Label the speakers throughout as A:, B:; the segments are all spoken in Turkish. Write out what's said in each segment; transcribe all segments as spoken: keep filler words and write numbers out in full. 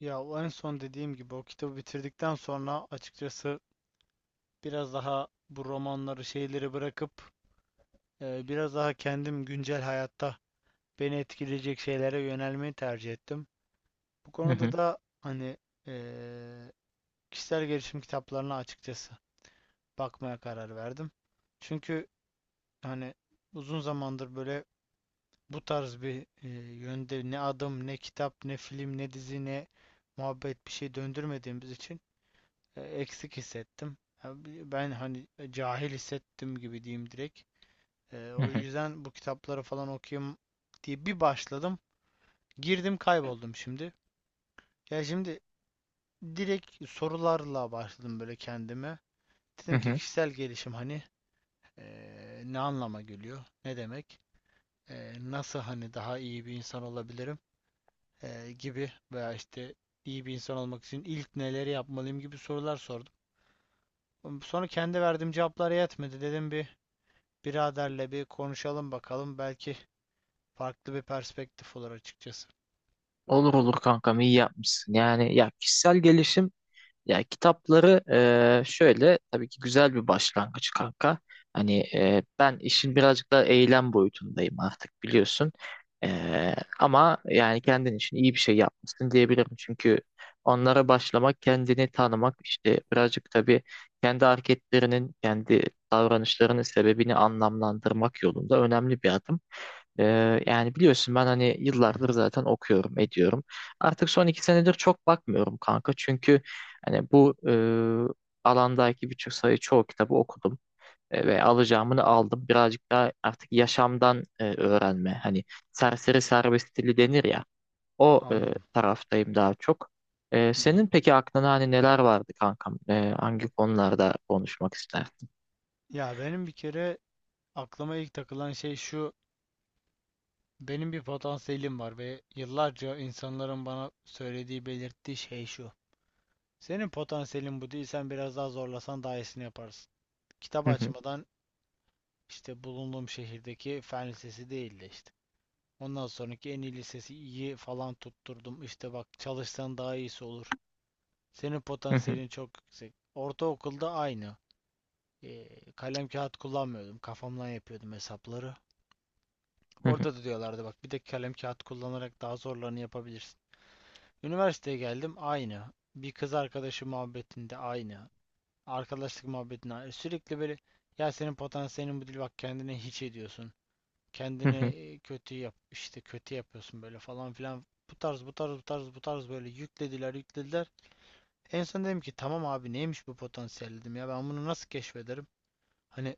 A: Ya o en son dediğim gibi o kitabı bitirdikten sonra açıkçası biraz daha bu romanları şeyleri bırakıp e, biraz daha kendim güncel hayatta beni etkileyecek şeylere yönelmeyi tercih ettim. Bu
B: Hı
A: konuda
B: hı,
A: da hani e, kişisel gelişim kitaplarına açıkçası bakmaya karar verdim. Çünkü hani uzun zamandır böyle bu tarz bir e, yönde ne adım ne kitap ne film ne dizi ne muhabbet bir şey döndürmediğimiz için e, eksik hissettim. Ben hani e, cahil hissettim gibi diyeyim direkt. E,
B: hı
A: o
B: hı,
A: yüzden bu kitapları falan okuyayım diye bir başladım. Girdim kayboldum şimdi. Ya şimdi direkt sorularla başladım böyle kendime.
B: hı
A: Dedim ki
B: hı.
A: kişisel gelişim hani e, ne anlama geliyor? Ne demek? E, nasıl hani daha iyi bir insan olabilirim? E, gibi veya işte iyi bir insan olmak için ilk neleri yapmalıyım gibi sorular sordum. Sonra kendi verdiğim cevaplar yetmedi. Dedim bir Biraderle bir konuşalım bakalım. Belki farklı bir perspektif olur açıkçası.
B: Olur olur kankam iyi yapmışsın. Yani ya kişisel gelişim ya kitapları eee, şöyle tabii ki güzel bir başlangıç kanka. Hani eee, ben işin birazcık daha eylem boyutundayım artık biliyorsun. Eee, ama yani kendin için iyi bir şey yapmışsın diyebilirim. Çünkü onlara başlamak, kendini tanımak işte birazcık tabii kendi hareketlerinin, kendi davranışlarının sebebini anlamlandırmak yolunda önemli bir adım. Ee, yani biliyorsun ben hani
A: Hı
B: yıllardır
A: hı.
B: zaten okuyorum, ediyorum. Artık son iki senedir çok bakmıyorum kanka. Çünkü hani bu e, alandaki birçok sayı çoğu kitabı okudum e, ve alacağımını aldım. Birazcık daha artık yaşamdan e, öğrenme. Hani serseri serbest dili denir ya. O e,
A: Anladım.
B: taraftayım daha çok. E,
A: Hı
B: senin
A: hı.
B: peki aklına hani neler vardı kankam? E, hangi konularda konuşmak isterdin?
A: Ya benim bir kere aklıma ilk takılan şey şu. Benim bir potansiyelim var ve yıllarca insanların bana söylediği, belirttiği şey şu. Senin potansiyelin bu değil, sen biraz daha zorlasan daha iyisini yaparsın. Kitap açmadan işte bulunduğum şehirdeki fen lisesi değildi işte. Ondan sonraki en iyi lisesi iyi falan tutturdum. İşte bak çalışsan daha iyisi olur. Senin potansiyelin çok yüksek. Ortaokulda aynı. Ee, kalem kağıt kullanmıyordum. Kafamdan yapıyordum hesapları. Orada da diyorlardı bak bir de kalem kağıt kullanarak daha zorlarını yapabilirsin. Üniversiteye geldim aynı. Bir kız arkadaşı muhabbetinde aynı. Arkadaşlık muhabbetinde aynı. Sürekli böyle ya senin potansiyelin bu değil bak kendini hiç ediyorsun. Kendini e, kötü yap işte kötü yapıyorsun böyle falan filan. Bu tarz bu tarz bu tarz bu tarz böyle yüklediler yüklediler. En son dedim ki tamam abi neymiş bu potansiyel dedim ya ben bunu nasıl keşfederim? Hani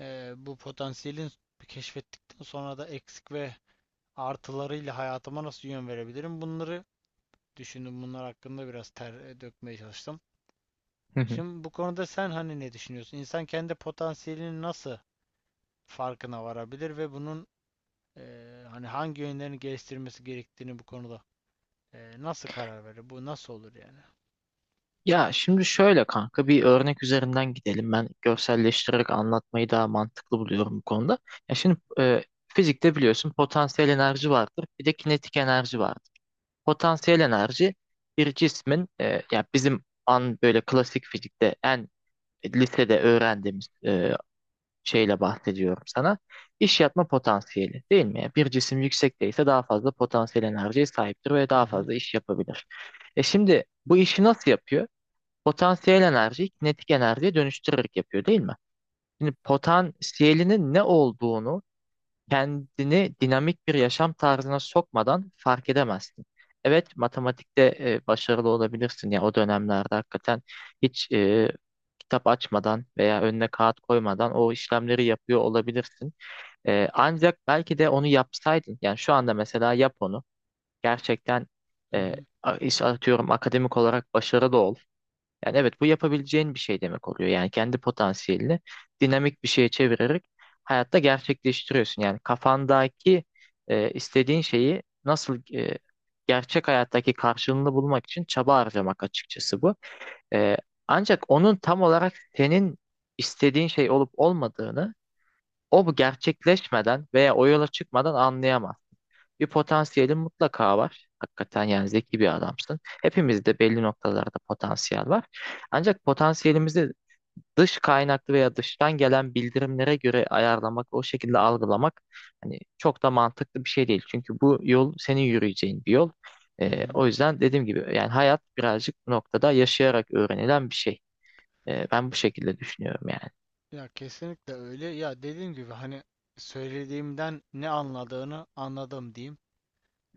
A: eee, bu potansiyelin keşfettikten sonra da eksik ve artılarıyla hayatıma nasıl yön verebilirim? Bunları düşündüm. Bunlar hakkında biraz ter e, dökmeye çalıştım. Şimdi bu konuda sen hani ne düşünüyorsun? İnsan kendi potansiyelinin nasıl farkına varabilir ve bunun eee, hani hangi yönlerini geliştirmesi gerektiğini bu konuda eee, nasıl karar verir? Bu nasıl olur yani?
B: Ya şimdi şöyle kanka bir örnek üzerinden gidelim. Ben görselleştirerek anlatmayı daha mantıklı buluyorum bu konuda. Ya şimdi e, fizikte biliyorsun potansiyel enerji vardır, bir de kinetik enerji vardır. Potansiyel enerji bir cismin e, ya bizim an böyle klasik fizikte en lisede öğrendiğimiz e, şeyle bahsediyorum sana. İş yapma potansiyeli değil mi? Yani bir cisim yüksekteyse daha fazla potansiyel enerjiye sahiptir ve
A: Hı
B: daha
A: hı,
B: fazla iş yapabilir. E şimdi bu işi nasıl yapıyor? Potansiyel enerjiyi kinetik enerjiye dönüştürerek yapıyor değil mi? Şimdi potansiyelinin ne olduğunu kendini dinamik bir yaşam tarzına sokmadan fark edemezsin. Evet, matematikte e, başarılı olabilirsin ya o dönemlerde hakikaten hiç e, kitap açmadan veya önüne kağıt koymadan o işlemleri yapıyor olabilirsin. E, ancak belki de onu yapsaydın yani şu anda mesela yap onu gerçekten
A: hı
B: e,
A: hı,
B: a- iş atıyorum akademik olarak başarılı ol, yani evet, bu yapabileceğin bir şey demek oluyor. Yani kendi potansiyelini dinamik bir şeye çevirerek hayatta gerçekleştiriyorsun. Yani kafandaki e, istediğin şeyi nasıl e, gerçek hayattaki karşılığını bulmak için çaba harcamak açıkçası bu. E, ancak onun tam olarak senin istediğin şey olup olmadığını o bu gerçekleşmeden veya o yola çıkmadan anlayamaz. Bir potansiyelin mutlaka var. Hakikaten yani zeki bir adamsın. Hepimizde belli noktalarda potansiyel var. Ancak potansiyelimizi dış kaynaklı veya dıştan gelen bildirimlere göre ayarlamak, o şekilde algılamak hani çok da mantıklı bir şey değil. Çünkü bu yol senin yürüyeceğin bir yol.
A: hı
B: Ee,
A: hı.
B: o yüzden dediğim gibi yani hayat birazcık bu noktada yaşayarak öğrenilen bir şey. Ee, ben bu şekilde düşünüyorum yani.
A: Ya kesinlikle öyle. Ya dediğim gibi hani söylediğimden ne anladığını anladım diyeyim.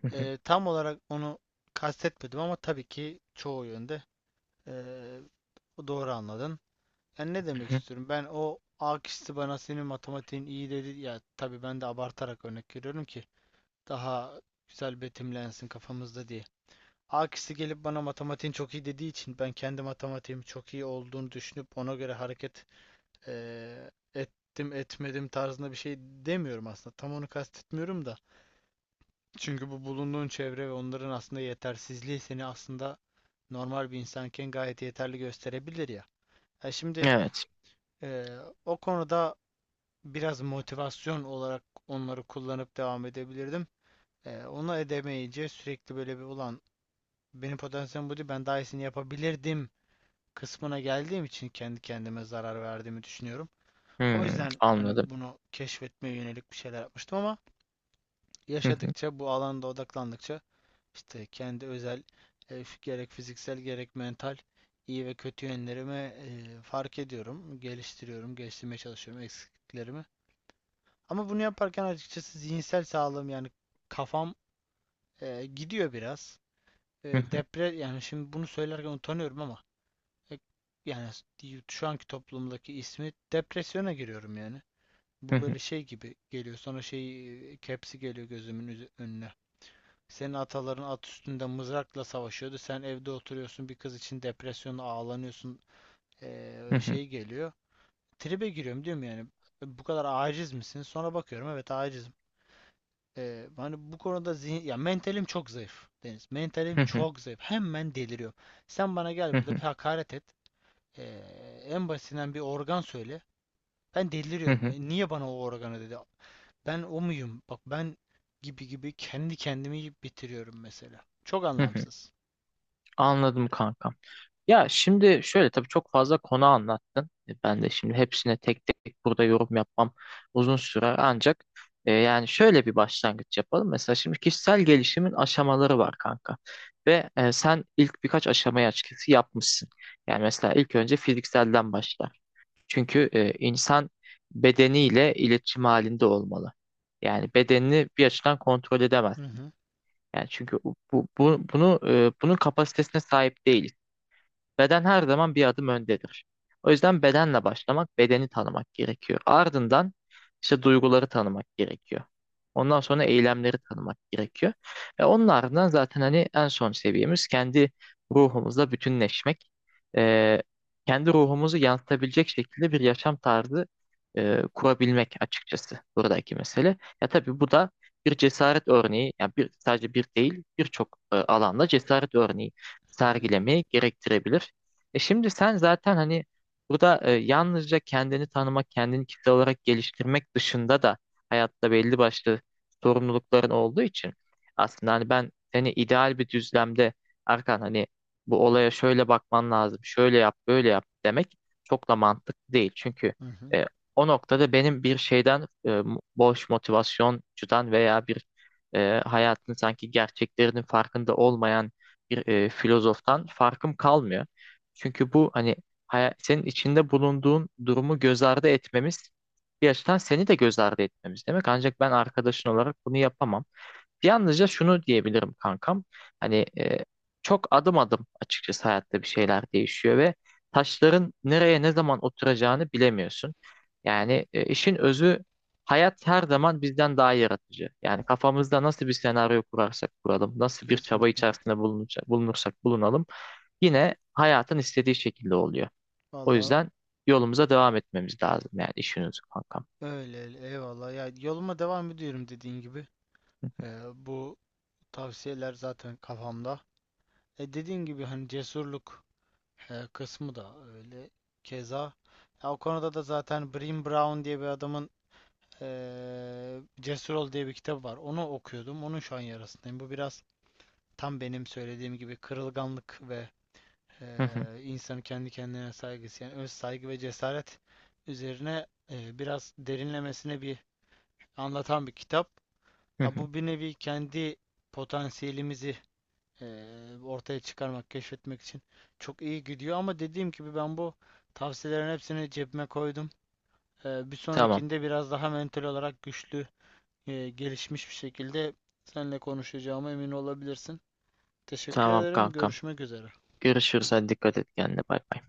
B: Hı hı,
A: Eee, tam olarak onu kastetmedim ama tabii ki çoğu yönde eee, doğru anladın. Yani ne demek
B: hı hı.
A: istiyorum? Ben o A kişisi bana senin matematiğin iyi dedi. Ya tabii ben de abartarak örnek veriyorum ki daha güzel betimlensin kafamızda diye. A kişisi gelip bana matematiğin çok iyi dediği için ben kendi matematiğim çok iyi olduğunu düşünüp ona göre hareket eee, ettim etmedim tarzında bir şey demiyorum aslında. Tam onu kastetmiyorum da. Çünkü bu bulunduğun çevre ve onların aslında yetersizliği seni aslında normal bir insanken gayet yeterli gösterebilir ya. Ha şimdi
B: Evet.
A: eee, o konuda biraz motivasyon olarak onları kullanıp devam edebilirdim. Eee onu edemeyince sürekli böyle bir ulan benim potansiyelim bu değil ben daha iyisini yapabilirdim kısmına geldiğim için kendi kendime zarar verdiğimi düşünüyorum. O
B: Hmm,
A: yüzden
B: anladım.
A: hani bunu keşfetmeye yönelik bir şeyler yapmıştım ama
B: Hı hı,
A: yaşadıkça bu alanda odaklandıkça işte kendi özel e, f- gerek fiziksel gerek mental iyi ve kötü yönlerimi e, fark ediyorum, geliştiriyorum, geliştirmeye çalışıyorum eksikliklerimi. Ama bunu yaparken açıkçası zihinsel sağlığım yani kafam e, gidiyor biraz.
B: hı
A: E,
B: hı,
A: depre Yani şimdi bunu söylerken utanıyorum ama e, yani şu anki toplumdaki ismi depresyona giriyorum yani.
B: hı
A: Bu
B: hı,
A: böyle şey gibi geliyor. Sonra şey e, kepsi geliyor gözümün üzü- önüne. Senin ataların at üstünde mızrakla savaşıyordu. Sen evde oturuyorsun. Bir kız için depresyonla ağlanıyorsun.
B: hı
A: Ee,
B: hı,
A: şey geliyor. Tribe giriyorum diyorum yani. "E, Bu kadar aciz misin? Sonra bakıyorum evet acizim. Ee, hani bu konuda zihin, ya mentalim çok zayıf Deniz. Mentalim
B: hı hı,
A: çok zayıf. Hemen deliriyorum. Sen bana gel
B: hı
A: burada bir
B: hı,
A: hakaret et. Ee, En basitinden bir organ söyle. Ben
B: hı
A: deliriyorum.
B: hı,
A: E, niye bana o organı dedi? Ben o muyum? Bak ben gibi gibi kendi kendimi yiyip bitiriyorum mesela. Çok
B: hı hı.
A: anlamsız.
B: Anladım kankam. Ya şimdi şöyle tabii çok fazla konu anlattın. E, Ben de şimdi hepsine tek tek burada yorum yapmam uzun sürer ancak e, yani şöyle bir başlangıç yapalım. Mesela şimdi kişisel gelişimin aşamaları var kanka. Ve e, sen ilk birkaç aşamayı açıkçası yapmışsın. Yani mesela ilk önce fizikselden başlar. Çünkü e, insan bedeniyle iletişim halinde olmalı. Yani bedenini bir açıdan kontrol edemez.
A: Hı hı.
B: Yani çünkü bu, bu bunu e, bunun kapasitesine sahip değiliz. Beden her zaman bir adım öndedir. O yüzden bedenle başlamak, bedeni tanımak gerekiyor. Ardından işte duyguları tanımak gerekiyor. Ondan sonra eylemleri tanımak gerekiyor. Ve onun ardından zaten hani en son seviyemiz kendi ruhumuzla bütünleşmek. Ee, kendi ruhumuzu yansıtabilecek şekilde bir yaşam tarzı e, kurabilmek açıkçası buradaki mesele. Ya tabii bu da bir cesaret örneği, yani bir, sadece bir değil, birçok e, alanda cesaret örneği
A: Hı hı.
B: sergilemeyi gerektirebilir. E şimdi sen zaten hani burada e, yalnızca kendini tanımak, kendini kitle olarak geliştirmek dışında da hayatta belli başlı sorumlulukların olduğu için aslında hani ben seni ideal bir düzlemde Erkan hani bu olaya şöyle bakman lazım, şöyle yap, böyle yap demek çok da mantıklı değil. Çünkü
A: Hı hı.
B: e, o noktada benim bir şeyden e, boş motivasyoncudan veya bir e, hayatın sanki gerçeklerinin farkında olmayan bir e, filozoftan farkım kalmıyor. Çünkü bu hani haya- senin içinde bulunduğun durumu göz ardı etmemiz bir açıdan seni de göz ardı etmemiz demek. Ancak ben arkadaşın olarak bunu yapamam. Yalnızca şunu diyebilirim kankam. Hani e, çok adım adım açıkçası hayatta bir şeyler değişiyor ve taşların nereye ne zaman oturacağını bilemiyorsun. Yani e, işin özü hayat her zaman bizden daha yaratıcı. Yani kafamızda nasıl bir senaryo kurarsak kuralım, nasıl bir çaba
A: Kesinlikle.
B: içerisinde bulunursak, bulunursak bulunalım yine hayatın istediği şekilde oluyor. O
A: Valla
B: yüzden yolumuza devam etmemiz lazım yani işiniz kankam.
A: öyle öyle. Eyvallah. Ya yoluma devam ediyorum dediğin gibi.
B: Hı hı.
A: Ee, bu tavsiyeler zaten kafamda. E dediğin gibi hani cesurluk e, kısmı da öyle. Keza. Ya o konuda da zaten Brené Brown diye bir adamın eee Cesur Ol diye bir kitabı var. Onu okuyordum. Onun şu an yarasındayım. Bu biraz tam benim söylediğim gibi kırılganlık ve eee
B: Hı hı.
A: insanın kendi kendine saygısı yani öz saygı ve cesaret üzerine eee, biraz derinlemesine bir anlatan bir kitap.
B: Hı
A: Ya
B: hı.
A: bu bir nevi kendi potansiyelimizi eee, ortaya çıkarmak, keşfetmek için çok iyi gidiyor ama dediğim gibi ben bu tavsiyelerin hepsini cebime koydum. Eee, bir
B: Tamam.
A: sonrakinde biraz daha mental olarak güçlü, eee, gelişmiş bir şekilde seninle konuşacağıma emin olabilirsin. Teşekkür
B: Tamam
A: ederim.
B: kankam.
A: Görüşmek üzere.
B: Görüşürüz. Hadi dikkat et kendine. Bay bay.